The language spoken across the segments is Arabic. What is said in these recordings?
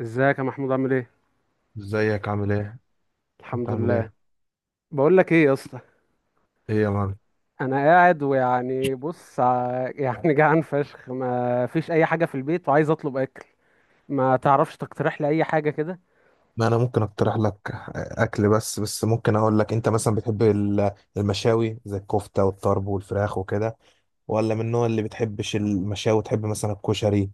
ازيك يا محمود؟ عامل ايه؟ ازيك؟ عامل ايه؟ انت الحمد عامل لله. ايه؟ بقول لك ايه يا اسطى، ايه يا مان؟ انا قاعد يعني جعان فشخ، ما فيش اي حاجه في البيت وعايز اطلب اكل. ما تعرفش تقترح لي اي حاجه كده؟ ما انا ممكن اقترح لك اكل، بس ممكن اقول لك انت مثلا بتحب المشاوي زي الكفته والطرب والفراخ وكده، ولا من النوع اللي بتحبش المشاوي، تحب مثلا الكشري،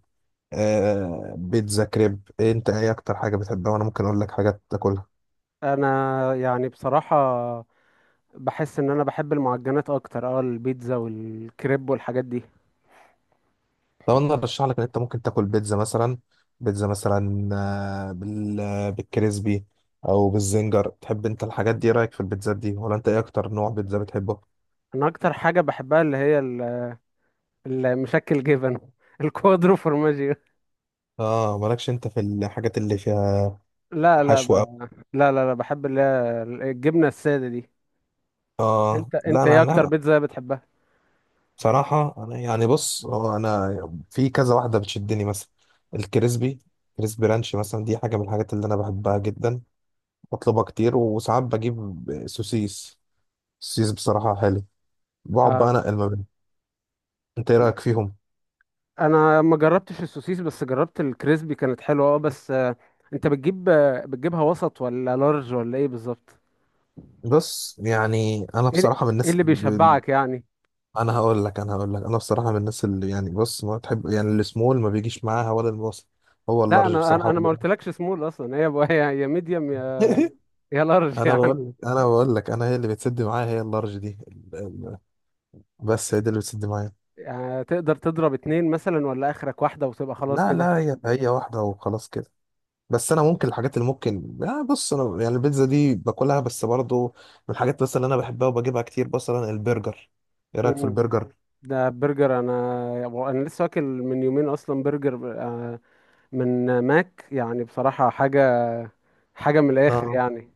آه، بيتزا، كريب، إيه؟ انت ايه اكتر حاجه بتحبها وانا ممكن اقول لك حاجات تاكلها. انا بصراحه بحس ان انا بحب المعجنات اكتر، اه البيتزا والكريب والحاجات دي. طب انا ارشح لك ان انت ممكن تاكل بيتزا مثلا، بيتزا مثلا بالكريسبي او بالزنجر، تحب انت الحاجات دي؟ إيه رايك في البيتزات دي؟ ولا انت ايه اكتر نوع بيتزا بتحبه؟ انا اكتر حاجه بحبها المشكل جبن الكوادرو فورماجيو. اه مالكش انت في الحاجات اللي فيها لا لا ب- حشو أوي. لا، بحب اللي هي الجبنه الساده دي. اه انت لا، انت انا ايه اكتر انا بيتزا بتحبها؟ بصراحه، انا يعني بص، هو انا في كذا واحده بتشدني مثلا، الكريسبي كريسبي رانش مثلا، دي حاجه من الحاجات اللي انا بحبها جدا، بطلبها كتير. وساعات بجيب سوسيس بصراحه حلو، بقعد بقى اه، انقل ما بينهم. انت ايه رايك فيهم؟ انا ما جربتش السوسيس بس جربت الكريسبي كانت حلوه، اه بس انت بتجيبها وسط ولا لارج ولا ايه بالظبط؟ بص يعني انا ايه ال- بصراحه من إيه الناس اللي بيشبعك يعني؟ انا هقول لك، انا بصراحه من الناس اللي يعني، بص، ما تحب يعني، السمول ما بيجيش معاها ولا الوسط، هو لا اللارج انا بصراحه انا هو انا ما اللي… قلتلكش سمول اصلا، هي يا ميديوم يا يا لارج انا يعني. بقول لك، انا هي اللي بتسد معايا هي اللارج دي، بس هي دي اللي بتسد معايا. يعني تقدر تضرب اتنين مثلا ولا اخرك واحده وتبقى خلاص لا كده؟ لا، هي واحده وخلاص كده. بس انا ممكن الحاجات اللي ممكن، بص انا يعني البيتزا دي باكلها، بس برضو من الحاجات بس اللي انا بحبها وبجيبها كتير مثلا البرجر. ايه رايك في مم. البرجر؟ ده برجر، انا لسه واكل من يومين اصلا برجر من ماك، يعني بصراحه حاجه من الاخر لا، يعني.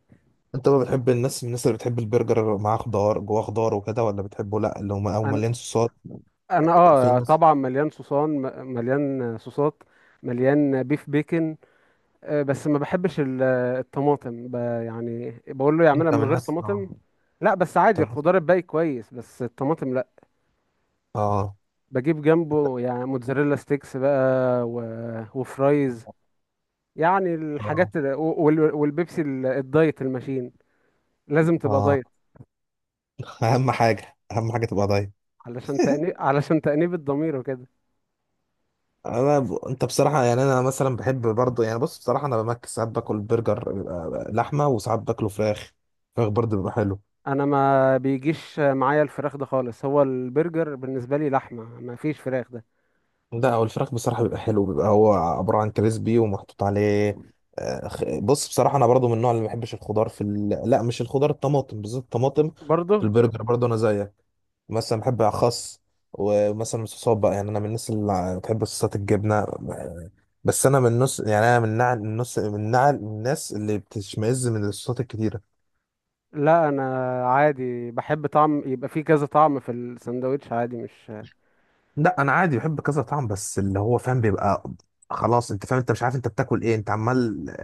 انت بقى بتحب الناس، من الناس اللي بتحب البرجر معاه خضار جواه، خضار وكده، ولا بتحبه لا اللي هم او مليان صوصات؟ انا في اه ناس. طبعا مليان مليان صوصات، مليان بيف بيكن، بس ما بحبش الطماطم، يعني بقول له يعملها انت من من غير الناس؟ اه. طماطم. لا بس انت عادي من الخضار الناس؟ الباقي كويس، بس الطماطم لا. اه بجيب جنبه يعني موتزاريلا ستيكس بقى وفرايز، يعني اه. الحاجات والبيبسي الدايت الماشين، لازم تبقى اه. دايت. اهم حاجه، اهم حاجه تبقى ضايع. علشان تأنيب الضمير وكده. انت بصراحه يعني، انا مثلا بحب برضه، يعني بص بصراحه، انا بمك ساعات باكل برجر بيبقى لحمه، وساعات باكله فراخ، فراخ برضه بيبقى حلو. انا ما بيجيش معايا الفراخ ده خالص، هو البرجر بالنسبه لي لحمه، ما فيش فراخ ده. لا، هو الفراخ بصراحه بيبقى حلو، بيبقى هو عباره عن كريسبي ومحطوط عليه. بص بصراحه انا برضه من النوع اللي ما بحبش الخضار في ال… لا، مش الخضار، الطماطم بالذات، الطماطم في برضه البرجر برضه انا زيك. مثلا بحب خس، ومثلا الصوصات بقى، يعني انا من الناس اللي بتحب صوصات الجبنه، بس انا من النص يعني، انا من النص، من الناس اللي بتشمئز من الصوصات الكتيره. لا، انا عادي بحب طعم، يبقى فيه كذا طعم في الساندوتش عادي، مش لا انا عادي بحب كذا طعم، بس اللي هو فاهم بيبقى، خلاص انت فاهم، انت مش عارف انت بتاكل ايه، انت عمال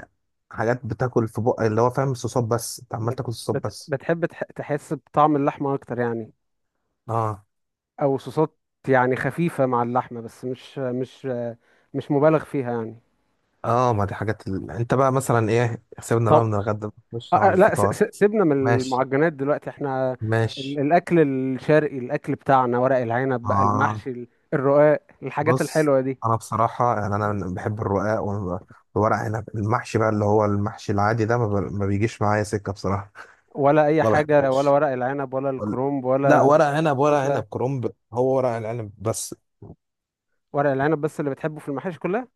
حاجات بتاكل في بق، اللي هو فاهم صوصات بس، انت عمال بت تاكل صوصات بت بس. تحس بطعم اللحمه اكتر يعني؟ اه، او صوصات يعني خفيفه مع اللحمه بس مش مبالغ فيها يعني. اه، ما دي حاجات ال… انت بقى مثلا ايه، سيبنا بقى طب، من الغدا، نخش على لا، الفطار. سيبنا من ماشي، المعجنات دلوقتي احنا. ماشي. الاكل الشرقي، الاكل بتاعنا، ورق العنب بقى، اه المحشي، الرقاق، الحاجات بص، الحلوه دي. انا بصراحة يعني انا بحب الرقاق والورق عنب المحشي بقى، اللي هو المحشي العادي ده ما، ما بيجيش معايا سكة بصراحة. ولا اي ما حاجه، ولا بحبوش. ورق العنب، ولا وال- الكرومب، لا، ولا ورق عنب، ورق عنب، الكوسه؟ كرنب، هو ورق العنب بس. ورق العنب بس اللي بتحبه في المحاشي كلها؟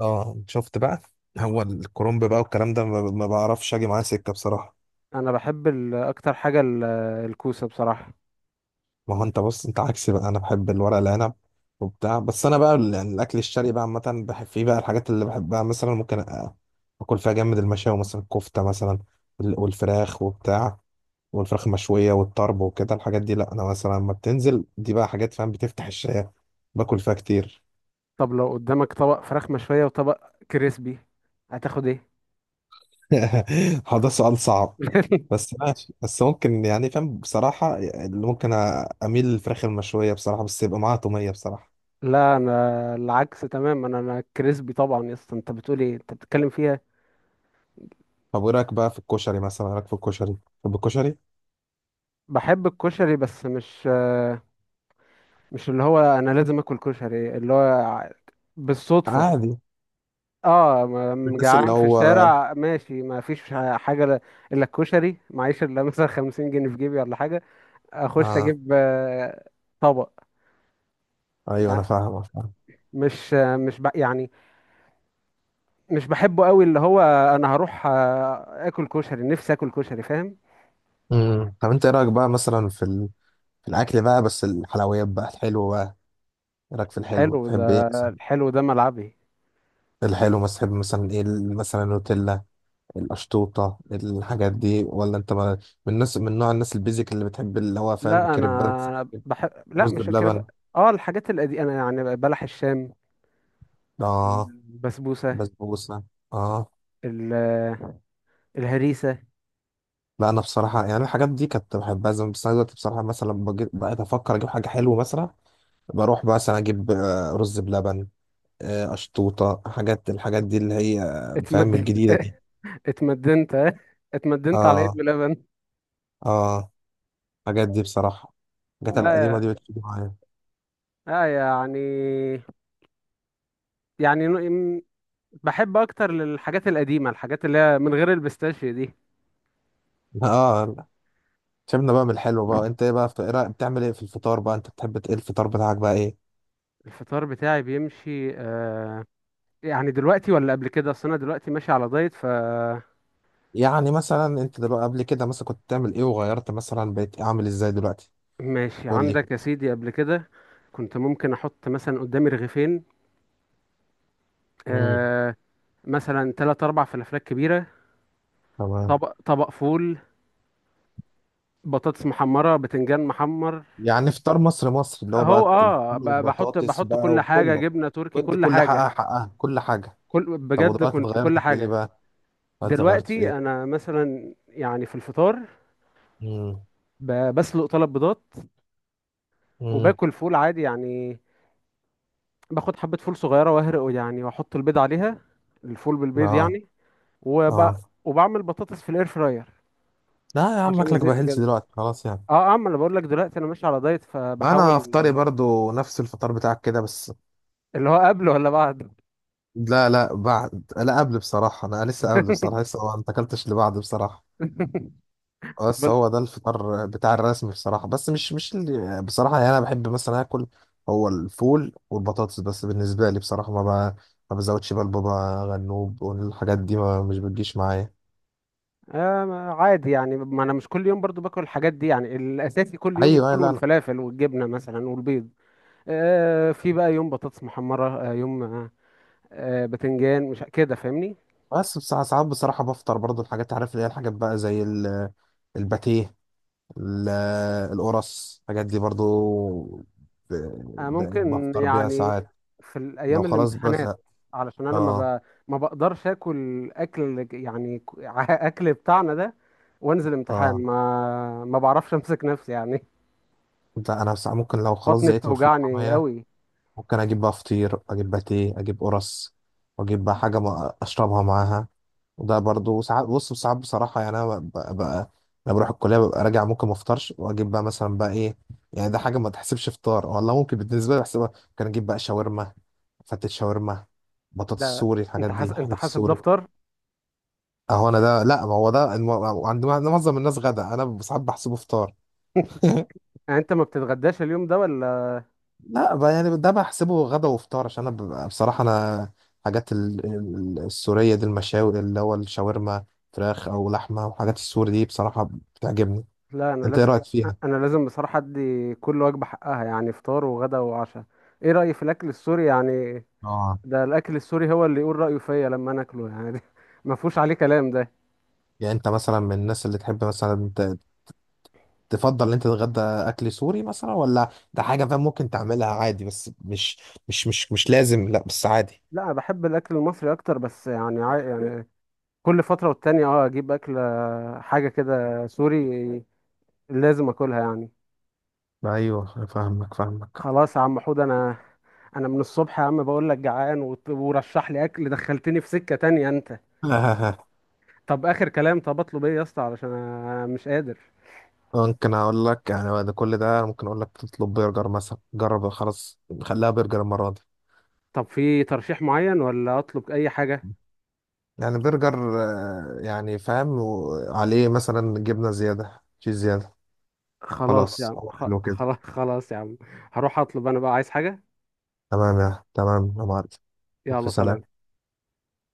اه شفت بقى. هو الكرنب بقى والكلام ده، ما بعرفش اجي معاه سكه بصراحه. انا بحب اكتر حاجه الكوسه بصراحه. ما هو انت بص، انت عكسي بقى، انا بحب الورق العنب وبتاع. بس انا بقى يعني الاكل الشرقي بقى عامه بحب فيه بقى الحاجات اللي بحبها، مثلا ممكن اكل فيها جامد، المشاوي مثلا، الكفته مثلا، والفراخ وبتاع، والفراخ المشويه والطرب وكده الحاجات دي، لا انا مثلا لما بتنزل دي بقى حاجات، فاهم، بتفتح الشهيه، باكل فيها كتير. طب لو قدامك طبق فراخ مشويه وطبق كريسبي، هتاخد ايه؟ هو ده سؤال صعب، بس ماشي، بس ممكن يعني، فاهم، بصراحة اللي ممكن، أميل للفراخ المشوية بصراحة، بس يبقى معاها تومية بصراحة. لا انا العكس تمام، انا كريسبي طبعا يا اسطى، انت بتقول ايه؟ انت بتتكلم فيها. طب وإيه رأيك بقى في الكشري مثلا؟ إيه رأيك في الكشري؟ طب الكشري. بحب الكشري بس مش اللي هو انا لازم اكل كشري، اللي هو بالصدفه، عادي. اه، الناس اللي جعان في هو. الشارع ماشي، ما فيش حاجه ل- الا الكشري، معيش الا مثلا 50 جنيه في جيبي ولا حاجه، اخش آه. اجيب طبق. أيوه، يعني أنا فاهم، فاهم. مش يعني مش بحبه قوي، اللي هو انا هروح اكل كشري، نفسي اكل كشري فاهم. طب أنت إيه رأيك بقى مثلا في ال…؟ في الأكل بقى، بس الحلويات بقى، الحلو بقى، إيه رأيك في الحلو؟ الحلو تحب إيه ده، مثلا؟ الحلو ده ملعبي. الحلو مثلا تحب مثلا إيه مثلا النوتيلا، القشطوطة، الحاجات دي، ولا أنت ما…؟ من الناس، من نوع الناس البيزك اللي بتحب اللي هو، فاهم، لا، كريبات، انا بحب، لا رز مش كده بلبن. بقى، اه الحاجات القديمه انا، يعني بلح الشام، اه، البسبوسه، بسبوسة. اه. ال- الهريسه. لا، انا بصراحة يعني الحاجات دي كنت بحبها زمان، بس انا دلوقتي بصراحة، مثلا لما بقيت افكر اجيب حاجة حلوة مثلا، بروح مثلا اجيب رز بلبن، اشطوطة، الحاجات دي اللي هي، فاهم، اتمدى الجديدة دي. اتمدنت اه، اتمدنت على ايد اه. بلبن. اه. الحاجات دي بصراحة، الحاجات لا القديمة دي يا بتجيب معايا. لا يعني يعني نو- م- بحب اكتر للحاجات القديمه، الحاجات اللي هي من غير البيستاشيو دي. اه، لا. سيبنا بقى من الحلو بقى. انت ايه بقى في إيه بتعمل ايه في الفطار بقى؟ انت بتحب ايه الفطار بتاعك بقى؟ ايه؟ الفطار بتاعي بيمشي آه، يعني دلوقتي ولا قبل كده؟ اصل انا دلوقتي ماشي على دايت، ف يعني مثلا انت دلوقتي، قبل كده مثلا كنت بتعمل ايه، وغيرت مثلا بقيت عامل ازاي دلوقتي؟ ماشي قول لي. عندك يا سيدي. قبل كده كنت ممكن احط مثلا قدامي رغيفين، امم. آه، مثلا تلات اربع فلافلات كبيره، تمام. طبق فول، بطاطس محمره، بتنجان محمر، يعني فطار مصر، مصر اللي هو اهو بقى الفول اه، والبطاطس بحط بقى كل حاجه، وكله. جبنه تركي، كنت كل كل حاجه، حقها، حقها، كل حاجة. كل طب بجد، ودلوقتي كنت كل اتغيرت في ايه حاجه. بقى؟ دلوقتي اتغيرت في دلوقتي ايه؟ انا مثلا يعني في الفطار، امم، بسلق طلب بيضات، امم. وباكل فول عادي يعني، باخد حبه فول صغيره واهرقه يعني، واحط البيض عليها، الفول بالبيض اه. يعني، وب... اه. وبعمل بطاطس في الاير فراير، لا يا عم، عشان اكلك الزيت بهلش وكده. دلوقتي خلاص يعني. اه اه، ما انا بقول لك دلوقتي انا ماشي على دايت فبحاول. انا فطاري برضو نفس الفطار بتاعك كده، بس. اللي هو قبل ولا بعد؟ لا لا بعد، لا قبل بصراحة، انا لسه قبل بصراحة، لسه ما اكلتش اللي بعد بصراحة. بس هو ده الفطار بتاع الرسمي بصراحة، بس مش اللي بصراحة، يعني أنا بحب مثلا آكل، هو الفول والبطاطس بس بالنسبة لي بصراحة، ب... ما بزودش بقى البابا غنوب، والحاجات دي ما، مش بتجيش معايا. آه، عادي يعني، ما انا مش كل يوم برضو باكل الحاجات دي يعني، الاساسي كل يوم أيوه، أيوة، الفول لا أنا، والفلافل والجبنه مثلا والبيض، آه في بقى يوم بطاطس محمره، آه يوم آه بتنجان، مش كده فاهمني؟ بس بصراحة ساعات بصراحة بفطر برضو الحاجات، عارف، اللي هي الحاجات بقى زي ال…، الباتيه، ال…، القرص، الحاجات دي برضو ب... آه ممكن بفطر بيها يعني، ساعات في لو الايام خلاص الامتحانات، بزهق. علشان انا اه. ب... ما بقدرش اكل، اكل يعني اكل بتاعنا ده وانزل امتحان، اه. ما ما بعرفش امسك نفسي يعني، لا انا ساعة ممكن لو خلاص بطني زهقت من الفول بتوجعني والطعمية، قوي. ممكن اجيب بقى فطير، اجيب باتيه، اجيب قرص، واجيب بقى حاجه ما اشربها معاها. وده برضو ساعات، بص ساعات بصراحه يعني، انا ببقى بقى لما بروح الكليه ببقى راجع، ممكن ما افطرش، واجيب بقى مثلا بقى ايه، يعني ده حاجه ما تحسبش فطار والله، ممكن بالنسبه لي بحسبها، ممكن اجيب بقى شاورما، فتة شاورما، بطاطس، ده سوري، الحاجات دي، انت حاجات حاسب السوري. دفتر؟ اهو، انا ده، لا، ما هو ده عند معظم الناس غدا، انا ساعات بحسبه فطار. يعني انت ما بتتغداش اليوم ده ولا؟ لا بقى، يعني ده بحسبه غدا وفطار، عشان انا بصراحه انا حاجات السوريه دي، المشاوي، اللي هو الشاورما، فراخ او لحمه، وحاجات السوري دي بصراحه بتعجبني. لا انا انت ايه لازم رايك فيها؟ انا لازم بصراحه ادي كل وجبه حقها يعني، فطار وغدا وعشاء. ايه رايي في الاكل السوري يعني؟ اه، ده الاكل السوري هو اللي يقول رايه فيا لما انا اكله يعني، ده ما فيهوش عليه كلام ده. يعني انت مثلا من الناس اللي تحب مثلا، تفضل ان انت تتغدى اكل سوري مثلا، ولا ده حاجه، فاهم، ممكن تعملها عادي بس مش، مش مش مش لازم، لا بس عادي. لا انا بحب الاكل المصري اكتر، بس يعني يعني كل فتره والتانيه اه اجيب اكل، حاجه كده سوري، لازم اكلها يعني. ايوه فاهمك، فاهمك. خلاص يا عم حود، انا من الصبح يا عم بقول لك جعان ورشح لي اكل، دخلتني في سكه تانية انت. طب اخر كلام، طب اطلب ايه يا اسطى؟ علشان انا مش قادر. ممكن اقول لك يعني بعد كل ده، ممكن اقول لك تطلب برجر مثلا، جرب، خلاص خليها برجر المره دي. طب في ترشيح معين ولا اطلب اي حاجة؟ يعني برجر يعني فاهم، عليه مثلا جبنه زياده، تشيز زياده. خلاص يا خلاص، عم، حلو كده. خلاص خلاص يا عم، هروح اطلب، انا بقى عايز حاجة. تمام يا، تمام يا معلم. يلا، في سلام. سلام.